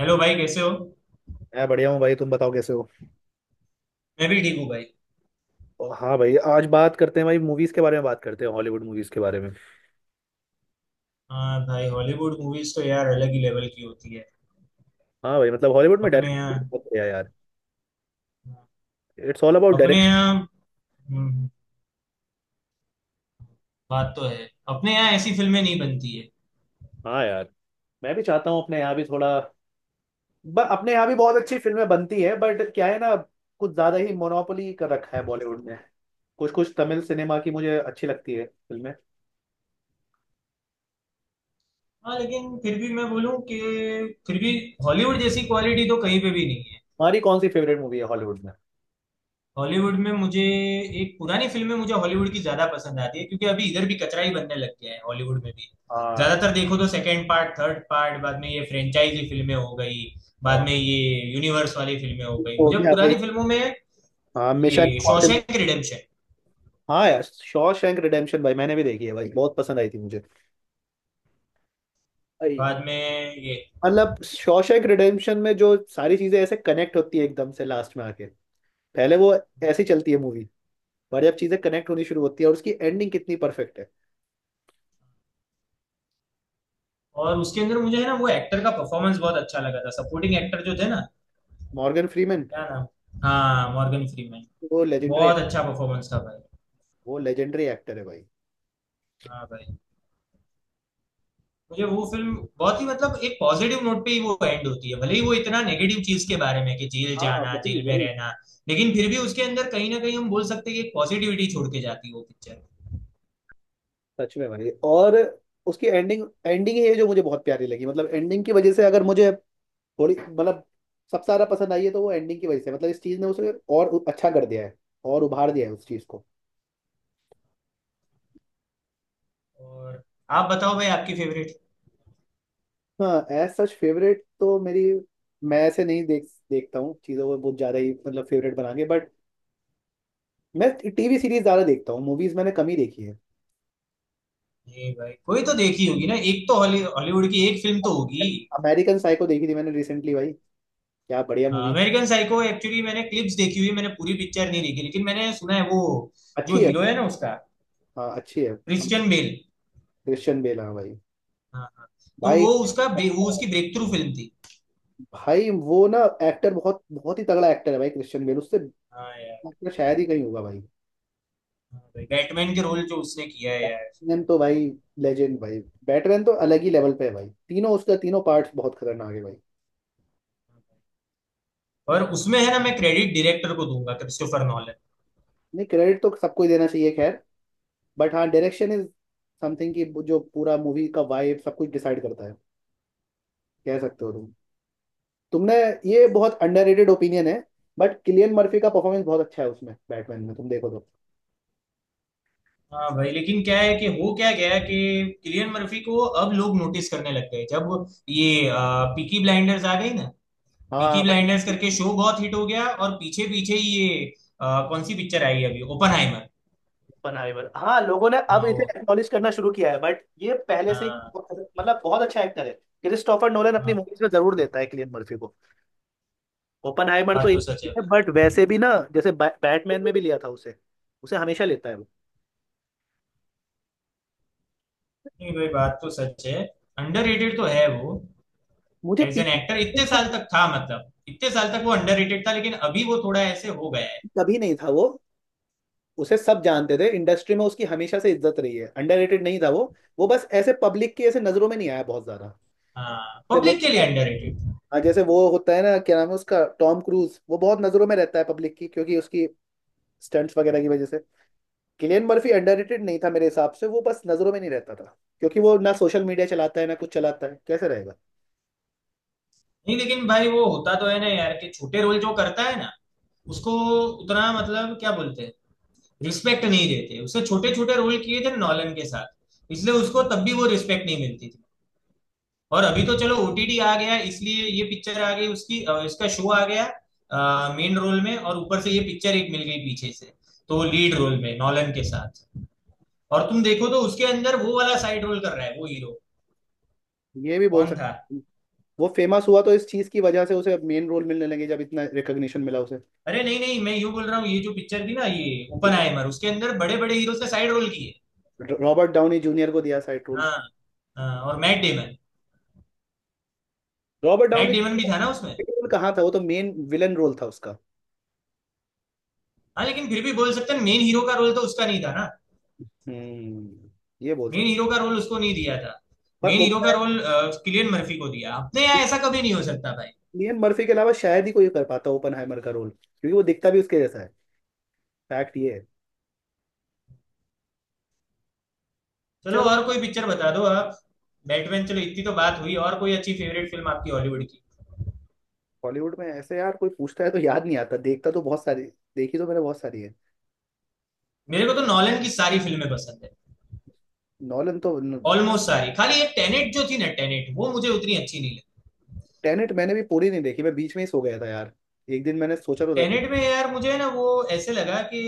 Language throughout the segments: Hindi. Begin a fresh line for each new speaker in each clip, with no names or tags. हेलो भाई कैसे हो?
मैं बढ़िया हूँ भाई। तुम बताओ कैसे हो।
मैं भी ठीक हूँ भाई।
हाँ भाई, आज बात करते हैं भाई, मूवीज के बारे में बात करते हैं, हॉलीवुड मूवीज के बारे में।
हाँ भाई, हॉलीवुड मूवीज तो यार अलग ही लेवल की होती है।
हाँ भाई, मतलब हॉलीवुड में
अपने
डायरेक्शन
यहाँ
बहुत बढ़िया यार। इट्स ऑल अबाउट
अपने
डायरेक्शन।
यहाँ हम्म। बात तो है। अपने यहाँ ऐसी फिल्में नहीं बनती है।
हाँ यार, मैं भी चाहता हूँ अपने यहाँ भी थोड़ा। अपने यहाँ भी बहुत अच्छी फिल्में बनती है, बट क्या है ना, कुछ ज्यादा ही मोनोपोली कर रखा है बॉलीवुड ने। कुछ कुछ तमिल सिनेमा की मुझे अच्छी लगती है फिल्में।
हाँ, लेकिन फिर भी मैं बोलूँ कि फिर भी हॉलीवुड जैसी क्वालिटी तो कहीं पे भी नहीं है।
हमारी कौन सी फेवरेट मूवी है हॉलीवुड में।
हॉलीवुड में मुझे एक पुरानी फिल्म में मुझे हॉलीवुड की ज्यादा पसंद आती है क्योंकि अभी इधर भी कचरा ही बनने लग गया है हॉलीवुड में भी।
हाँ
ज्यादातर देखो तो सेकंड पार्ट थर्ड पार्ट, बाद में ये फ्रेंचाइजी फिल्में हो गई। बाद
हाँ,
में ये यूनिवर्स वाली फिल्में हो गई।
हो
मुझे
गया भाई।
पुरानी फिल्मों में
हाँ, मिशन
ये
इम्पॉसिबल।
Shawshank redemption.
हाँ यार, शॉशैंक रिडेम्पशन, भाई मैंने भी देखी है भाई, बहुत पसंद आई थी मुझे भाई।
बाद में ये
मतलब शॉशैंक रिडेम्पशन में जो सारी चीजें ऐसे कनेक्ट होती है एकदम से लास्ट में आके। पहले वो ऐसी चलती है मूवी, पर जब चीजें कनेक्ट होनी शुरू होती है, और उसकी एंडिंग कितनी परफेक्ट है।
और उसके अंदर मुझे है ना, वो एक्टर का परफॉर्मेंस बहुत अच्छा लगा था, सपोर्टिंग एक्टर जो थे ना।
Morgan Freeman.
क्या नाम? हाँ, मॉर्गन फ्रीमैन।
वो लेजेंडरी।
बहुत अच्छा परफॉर्मेंस था भाई।
वो लेजेंडरी एक्टर है भाई।
हाँ भाई। मुझे वो फिल्म बहुत ही, मतलब एक पॉजिटिव नोट पे ही वो एंड होती है, भले ही वो इतना नेगेटिव चीज के बारे में कि जेल
हाँ
जाना,
वही
जेल में
वही।
रहना। लेकिन फिर भी उसके अंदर कहीं ना कहीं हम बोल सकते हैं कि एक पॉजिटिविटी छोड़ के जाती है वो पिक्चर।
सच में भाई, और उसकी एंडिंग एंडिंग ही है जो मुझे बहुत प्यारी लगी। मतलब एंडिंग की वजह से, अगर मुझे थोड़ी मतलब सबसे ज्यादा पसंद आई है तो वो एंडिंग की वजह से। मतलब इस चीज ने उसे और अच्छा कर दिया है, और उभार दिया है उस चीज को।
और आप बताओ भाई, आपकी फेवरेट?
हाँ, एज सच फेवरेट तो मेरी, मैं ऐसे नहीं देखता हूँ चीज़ों को बहुत ज़्यादा ही, मतलब फेवरेट बना के। बट मैं टीवी सीरीज ज़्यादा देखता हूँ, मूवीज़ मैंने कम ही देखी है।
ये भाई, कोई तो देखी होगी ना, एक तो हॉलीवुड की एक फिल्म तो होगी।
अमेरिकन साइको देखी थी मैंने रिसेंटली भाई। क्या बढ़िया मूवी।
अमेरिकन साइको एक्चुअली मैंने क्लिप्स देखी हुई, मैंने पूरी पिक्चर नहीं देखी, लेकिन मैंने सुना है वो जो
अच्छी है।
हीरो है ना उसका,
हाँ अच्छी है।
Christian Bale.
क्रिश्चियन बेल, हाँ भाई।
हाँ, हाँ। तो
भाई।
वो उसकी ब्रेक थ्रू फिल्म थी।
भाई वो ना, एक्टर बहुत बहुत ही तगड़ा एक्टर है भाई, क्रिश्चियन बेल। उससे
हाँ यार।
actor शायद ही कहीं होगा भाई।
बैटमैन के रोल जो उसने किया है यार।
बैटमैन तो भाई, लेजेंड भाई। बैटमैन तो अलग ही लेवल पे है भाई, तीनों उसका तीनों पार्ट्स बहुत खतरनाक है भाई।
और उसमें है ना, मैं क्रेडिट डायरेक्टर को दूंगा, क्रिस्टोफर नॉलन।
नहीं, क्रेडिट तो सबको ही देना चाहिए, खैर। बट हाँ, डायरेक्शन इज समथिंग कि जो पूरा मूवी का वाइब सब कुछ डिसाइड करता है। कह सकते हो तुम। तुमने, ये बहुत अंडररेटेड ओपिनियन है। बट किलियन मर्फी का परफॉर्मेंस बहुत अच्छा है उसमें, बैटमैन में तुम देखो तो।
हाँ भाई। लेकिन क्या है कि, हो क्या गया कि किलियन मर्फी को अब लोग नोटिस करने लग गए जब ये पीकी ब्लाइंडर्स आ गई ना।
हाँ
पीकी
बट।
ब्लाइंडर्स करके शो बहुत हिट हो गया और पीछे पीछे ये कौन सी पिक्चर आई है अभी, ओपनहाइमर।
ओपनहाइमर, हाँ लोगों ने अब
हाँ
इसे
वो।
एक्नॉलेज करना शुरू किया है, बट ये पहले से ही
हाँ।
मतलब बहुत अच्छा एक्टर है। क्रिस्टोफर नोलन अपनी
हाँ।
मूवीज में जरूर देता है किलियन मर्फी को। ओपनहाइमर तो
बात तो
एक
सच है
है,
भाई।
बट वैसे भी ना, जैसे बैटमैन में भी लिया था उसे, उसे हमेशा लेता है वो।
नहीं भाई, बात तो सच है। अंडररेटेड तो है वो।
मुझे
एज एन
पीक।
एक्टर इतने साल तक था, मतलब इतने साल तक वो अंडररेटेड था, लेकिन अभी वो थोड़ा ऐसे हो गया है।
कभी नहीं था वो, उसे सब जानते थे इंडस्ट्री में, उसकी हमेशा से इज्जत रही है, अंडररेटेड नहीं था वो। वो बस ऐसे पब्लिक की ऐसे नजरों में नहीं आया बहुत ज्यादा।
हाँ,
जैसे वो
पब्लिक
तो
के
ना,
लिए अंडररेटेड।
हाँ, जैसे वो होता है ना, क्या नाम है उसका, टॉम क्रूज, वो बहुत नजरों में रहता है पब्लिक की, क्योंकि उसकी स्टंट्स वगैरह की वजह से। किलियन मर्फी अंडररेटेड नहीं था मेरे हिसाब से, वो बस नजरों में नहीं रहता था, क्योंकि वो ना सोशल मीडिया चलाता है ना कुछ चलाता है, कैसे रहेगा।
नहीं लेकिन भाई, वो होता तो है ना यार कि छोटे रोल जो करता है ना उसको उतना, मतलब क्या बोलते हैं, रिस्पेक्ट नहीं देते। उसने छोटे छोटे रोल किए थे नॉलन के साथ, इसलिए उसको तब भी वो रिस्पेक्ट नहीं मिलती थी। और अभी तो चलो ओटीटी आ गया, इसलिए ये पिक्चर आ गई उसकी, इसका शो आ गया मेन रोल में, और ऊपर से ये पिक्चर एक मिल गई पीछे से। तो लीड रोल में नॉलन के साथ, और तुम देखो तो उसके अंदर वो वाला साइड रोल कर रहा है वो हीरो।
ये भी बोल
कौन था?
सकते हैं। वो फेमस हुआ तो इस चीज की वजह से उसे मेन रोल मिलने लगे, जब इतना रिकग्निशन मिला उसे।
अरे नहीं नहीं, मैं यूं बोल रहा हूँ, ये जो पिक्चर थी ना ये ओपनहाइमर, उसके अंदर बड़े बड़े हीरोज ने साइड रोल किए।
रॉबर्ट डाउनी जूनियर को दिया साइड रोल।
हाँ, हाँ, और Matt Damon.
Robert
Matt
Downey.
Damon भी था ना उसमें?
रोल कहाँ था, वो तो मेन विलन रोल था उसका।
हाँ, लेकिन फिर भी बोल सकते हैं मेन हीरो का रोल तो उसका नहीं था ना।
हम्म, ये बोल
मेन
सकते।
हीरो का रोल उसको नहीं दिया था।
पर
मेन हीरो का
ओपनहाइमर,
रोल किलियन मर्फी को दिया, अपने यहाँ ऐसा कभी नहीं हो सकता भाई।
लियन मर्फी के अलावा शायद ही कोई कर पाता ओपनहाइमर का रोल, क्योंकि वो दिखता भी उसके जैसा है। फैक्ट ये है।
चलो,
चलो।
और कोई पिक्चर बता दो आप। बैटमैन, चलो इतनी तो बात हुई, और कोई अच्छी फेवरेट फिल्म आपकी हॉलीवुड की?
बॉलीवुड में ऐसे यार, कोई पूछता है तो याद नहीं आता। देखता तो बहुत सारी, देखी तो मैंने बहुत सारी है।
मेरे को तो नॉलन की सारी फिल्में पसंद है।
नॉलन तो,
ऑलमोस्ट सारी, खाली ये टेनेट जो थी ना, टेनेट वो मुझे उतनी अच्छी नहीं
टेनेट मैंने भी पूरी नहीं देखी, मैं बीच में ही सो गया था यार। एक दिन मैंने सोचा
लगी।
तो था देख।
टेनेट में यार मुझे ना वो ऐसे लगा कि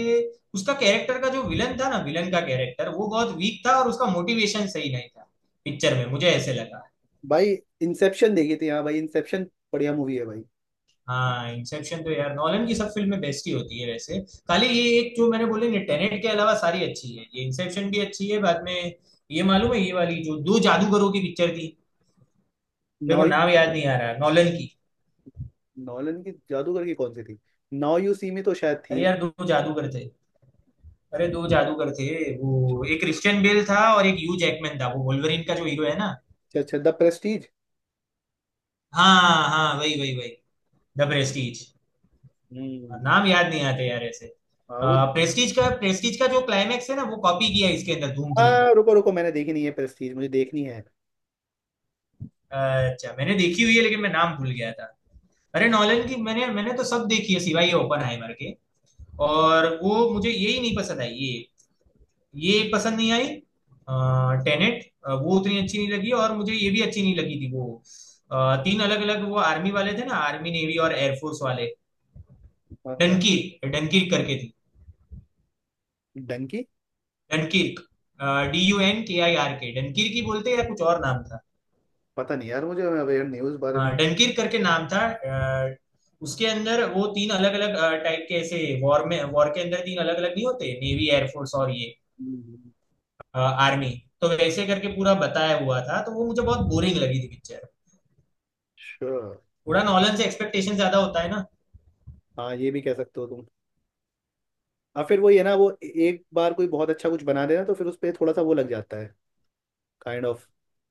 उसका कैरेक्टर का, जो विलन था ना, विलन का कैरेक्टर वो बहुत वीक था और उसका मोटिवेशन सही नहीं था पिक्चर में, मुझे ऐसे लगा।
भाई इंसेप्शन देखी थी, हाँ भाई इंसेप्शन, बढ़िया मूवी है भाई।
हाँ, इंसेप्शन तो यार नॉलन की सब फिल्में बेस्ट ही होती है वैसे। खाली ये एक जो मैंने बोले ना, टेनेट के अलावा सारी अच्छी है, ये इंसेप्शन भी अच्छी है। बाद में ये मालूम है, ये वाली जो दो जादूगरों की पिक्चर थी, मेरे को
नाउ
नाम याद नहीं आ रहा, नॉलन की।
नॉलन की जादूगर की कौन सी थी, नाउ यू सी में तो शायद थी।
अरे यार, दो जादूगर थे। अरे दो जादूगर थे, वो एक क्रिश्चियन बेल था और एक ह्यू जैकमैन था, वो वोल्वरिन का जो हीरो है ना।
अच्छा अच्छा, द प्रेस्टीज।
हाँ, हाँ, वही वही वही। The Prestige.
हम्म।
नाम याद नहीं आते यार ऐसे।
हाँ वो,
प्रेस्टीज का जो क्लाइमैक्स है ना, वो कॉपी किया इसके अंदर धूम थ्री में।
रुको रुको, मैंने देखी नहीं है प्रेस्टीज, मुझे देखनी है।
अच्छा, मैंने देखी हुई है लेकिन मैं नाम भूल गया था। अरे नॉलन की, मैंने मैंने तो सब देखी है सिवाय ये ओपनहाइमर के। और वो मुझे यही नहीं पसंद आई, ये। ये पसंद नहीं आई। टेनेट। वो उतनी अच्छी नहीं लगी, और मुझे ये भी अच्छी नहीं लगी थी वो, तीन अलग अलग, वो आर्मी वाले थे ना, आर्मी नेवी और एयरफोर्स वाले।
कौन सा।
डनकीर्क, डनकीर्क करके थी।
डंकी।
डनकीर्क, Dunkirk, डनकीर्क ही बोलते हैं या कुछ और नाम था?
पता नहीं यार, मुझे अवेयर नहीं हूँ उस बारे में।
हाँ, डनकीर्क करके नाम था। अ, उसके अंदर वो तीन अलग अलग टाइप के ऐसे, वॉर के अंदर तीन अलग अलग नहीं होते, नेवी एयरफोर्स और ये
हम्म।
आर्मी। तो वैसे करके पूरा बताया हुआ था, तो वो मुझे बहुत बोरिंग लगी थी पिक्चर।
sure.
थोड़ा नॉलेज से एक्सपेक्टेशन ज्यादा होता है ना।
हाँ ये भी कह सकते हो तुम। हाँ फिर वही है ना वो, एक बार कोई बहुत अच्छा कुछ बना देना तो फिर उस पर थोड़ा सा वो लग जाता है, काइंड ऑफ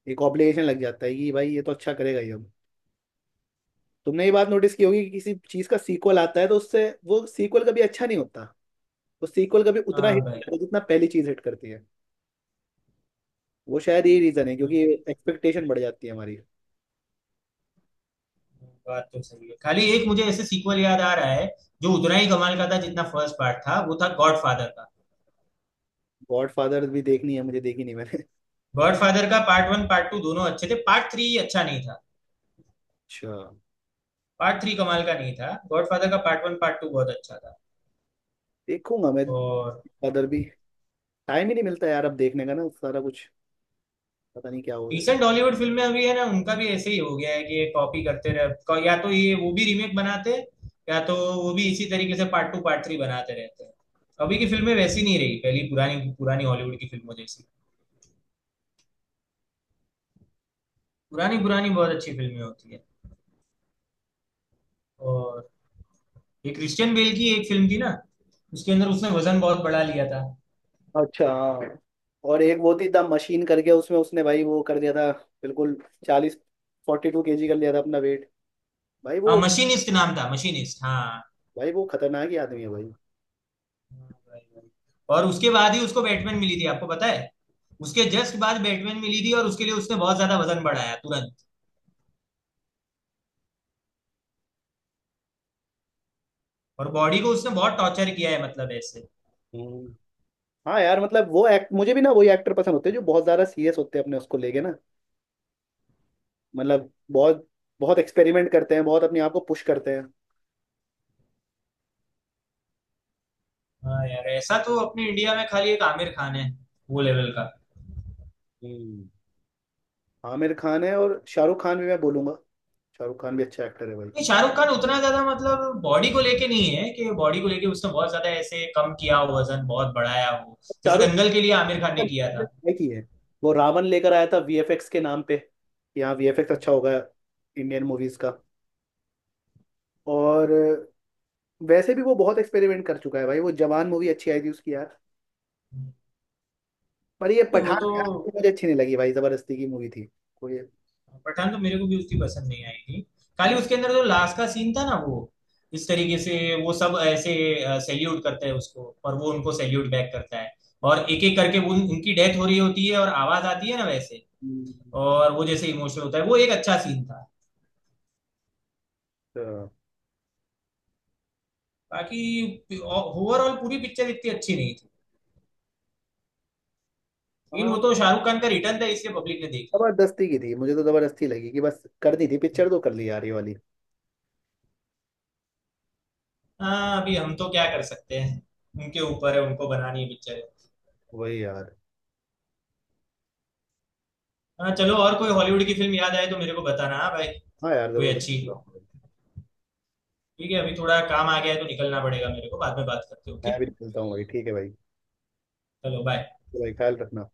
एक ऑब्लिगेशन लग जाता है कि भाई ये तो अच्छा करेगा ये अब। तुमने ये बात नोटिस की होगी कि किसी चीज़ का सीक्वल आता है तो उससे वो सीक्वल कभी अच्छा नहीं होता, वो सीक्वल कभी उतना
हाँ
हिट नहीं
भाई।
करता जितना पहली चीज़ हिट करती है। वो शायद यही रीज़न है
हाँ
क्योंकि
भाई।
एक्सपेक्टेशन बढ़ जाती है हमारी।
बात तो सही है, खाली एक मुझे ऐसे सीक्वल याद आ रहा है जो उतना ही कमाल का था जितना फर्स्ट पार्ट था, वो था गॉड फादर का।
गॉडफादर भी देखनी है मुझे, देखी नहीं मैंने।
गॉड फादर का पार्ट वन, पार्ट टू दोनों अच्छे थे, पार्ट थ्री अच्छा नहीं था।
अच्छा,
पार्ट थ्री कमाल का नहीं था, गॉड फादर का पार्ट वन, पार्ट टू बहुत अच्छा था।
देखूंगा मैं।
और
फादर भी। टाइम ही नहीं मिलता यार अब देखने का ना सारा कुछ, पता नहीं क्या हो गया।
रिसेंट हॉलीवुड फिल्में अभी है ना, उनका भी ऐसे ही हो गया है कि ये कॉपी करते रहे, या तो ये, वो भी रीमेक बनाते हैं, या तो वो भी इसी तरीके से पार्ट टू पार्ट थ्री बनाते रहते हैं। अभी की फिल्में वैसी नहीं रही पहली, पुरानी पुरानी हॉलीवुड की फिल्मों जैसी। पुरानी पुरानी बहुत अच्छी फिल्में होती है। और ये क्रिश्चियन बेल की एक फिल्म थी ना, उसके अंदर उसने वजन बहुत बढ़ा लिया था।
अच्छा हाँ। और एक वो थी द मशीन करके, उसमें उसने भाई वो कर दिया था, बिल्कुल। 40, 42 kg कर लिया था अपना वेट। भाई
हाँ,
वो।
मशीनिस्ट नाम था, मशीनिस्ट। हाँ।
भाई वो खतरनाक ही आदमी है भाई।
हाँ भाई, भाई। और उसके बाद ही उसको बैटमैन मिली थी, आपको पता है। उसके जस्ट बाद बैटमैन मिली थी और उसके लिए उसने बहुत ज्यादा वजन बढ़ाया तुरंत। और बॉडी को उसने बहुत टॉर्चर किया है, मतलब ऐसे।
हम्म। हाँ यार, मतलब वो एक्ट मुझे भी ना, वही एक्टर पसंद होते हैं जो बहुत ज़्यादा सीरियस होते हैं अपने उसको लेके ना, मतलब बहुत बहुत एक्सपेरिमेंट करते हैं, बहुत अपने आप को पुश करते हैं।
हाँ यार, ऐसा तो अपने इंडिया में खाली एक आमिर खान है वो लेवल का।
हम्म। आमिर खान है, और शाहरुख खान भी मैं बोलूंगा, शाहरुख खान भी अच्छा एक्टर है भाई।
नहीं, शाहरुख खान उतना ज्यादा मतलब बॉडी को लेके नहीं है कि बॉडी को लेके उसने बहुत ज्यादा ऐसे कम किया हो, वजन बहुत बढ़ाया हो। जैसे
शाहरुख
दंगल के लिए आमिर खान ने
खान
किया
ने
था।
try की है, वो रावण लेकर आया था वीएफएक्स के नाम पे कि हाँ वीएफएक्स अच्छा होगा इंडियन मूवीज का। और वैसे भी वो बहुत एक्सपेरिमेंट कर चुका है भाई, वो जवान मूवी अच्छी आई थी उसकी यार।
नहीं।
पर ये
वो
पठान
तो।
यार मुझे अच्छी नहीं लगी भाई, जबरदस्ती की मूवी थी। कोई।
पठान तो मेरे को भी उसकी पसंद नहीं आई थी। खाली
अमर-
उसके अंदर जो लास्ट का सीन था ना, वो इस तरीके से वो सब ऐसे सैल्यूट करते हैं उसको, और वो उनको सैल्यूट बैक करता है, और एक एक करके वो उनकी डेथ हो रही होती है, और आवाज आती है ना वैसे।
हम्म,
और वो जैसे इमोशनल होता है, वो एक अच्छा सीन था।
तो।
बाकी ओवरऑल पूरी पिक्चर इतनी अच्छी नहीं थी। लेकिन
हाँ
वो तो शाहरुख खान का रिटर्न था, इसलिए पब्लिक ने देख ली।
जबरदस्ती की थी, मुझे तो जबरदस्ती लगी कि बस करनी थी पिक्चर तो कर ली यार ये वाली।
हाँ, अभी हम तो क्या कर सकते हैं, उनके ऊपर है, उनको बनानी है पिक्चर।
वही यार।
हाँ चलो, और कोई हॉलीवुड की फिल्म याद आए तो मेरे को बताना, हाँ भाई।
हाँ यार
कोई
जरूर
अच्छी।
देखूंगा।
ठीक है, अभी थोड़ा काम आ गया है तो निकलना पड़ेगा मेरे को, बाद में बात करते हैं, ओके?
मैं भी निकलता हूँ भाई, ठीक है भाई।
चलो बाय।
तो भाई ख्याल रखना।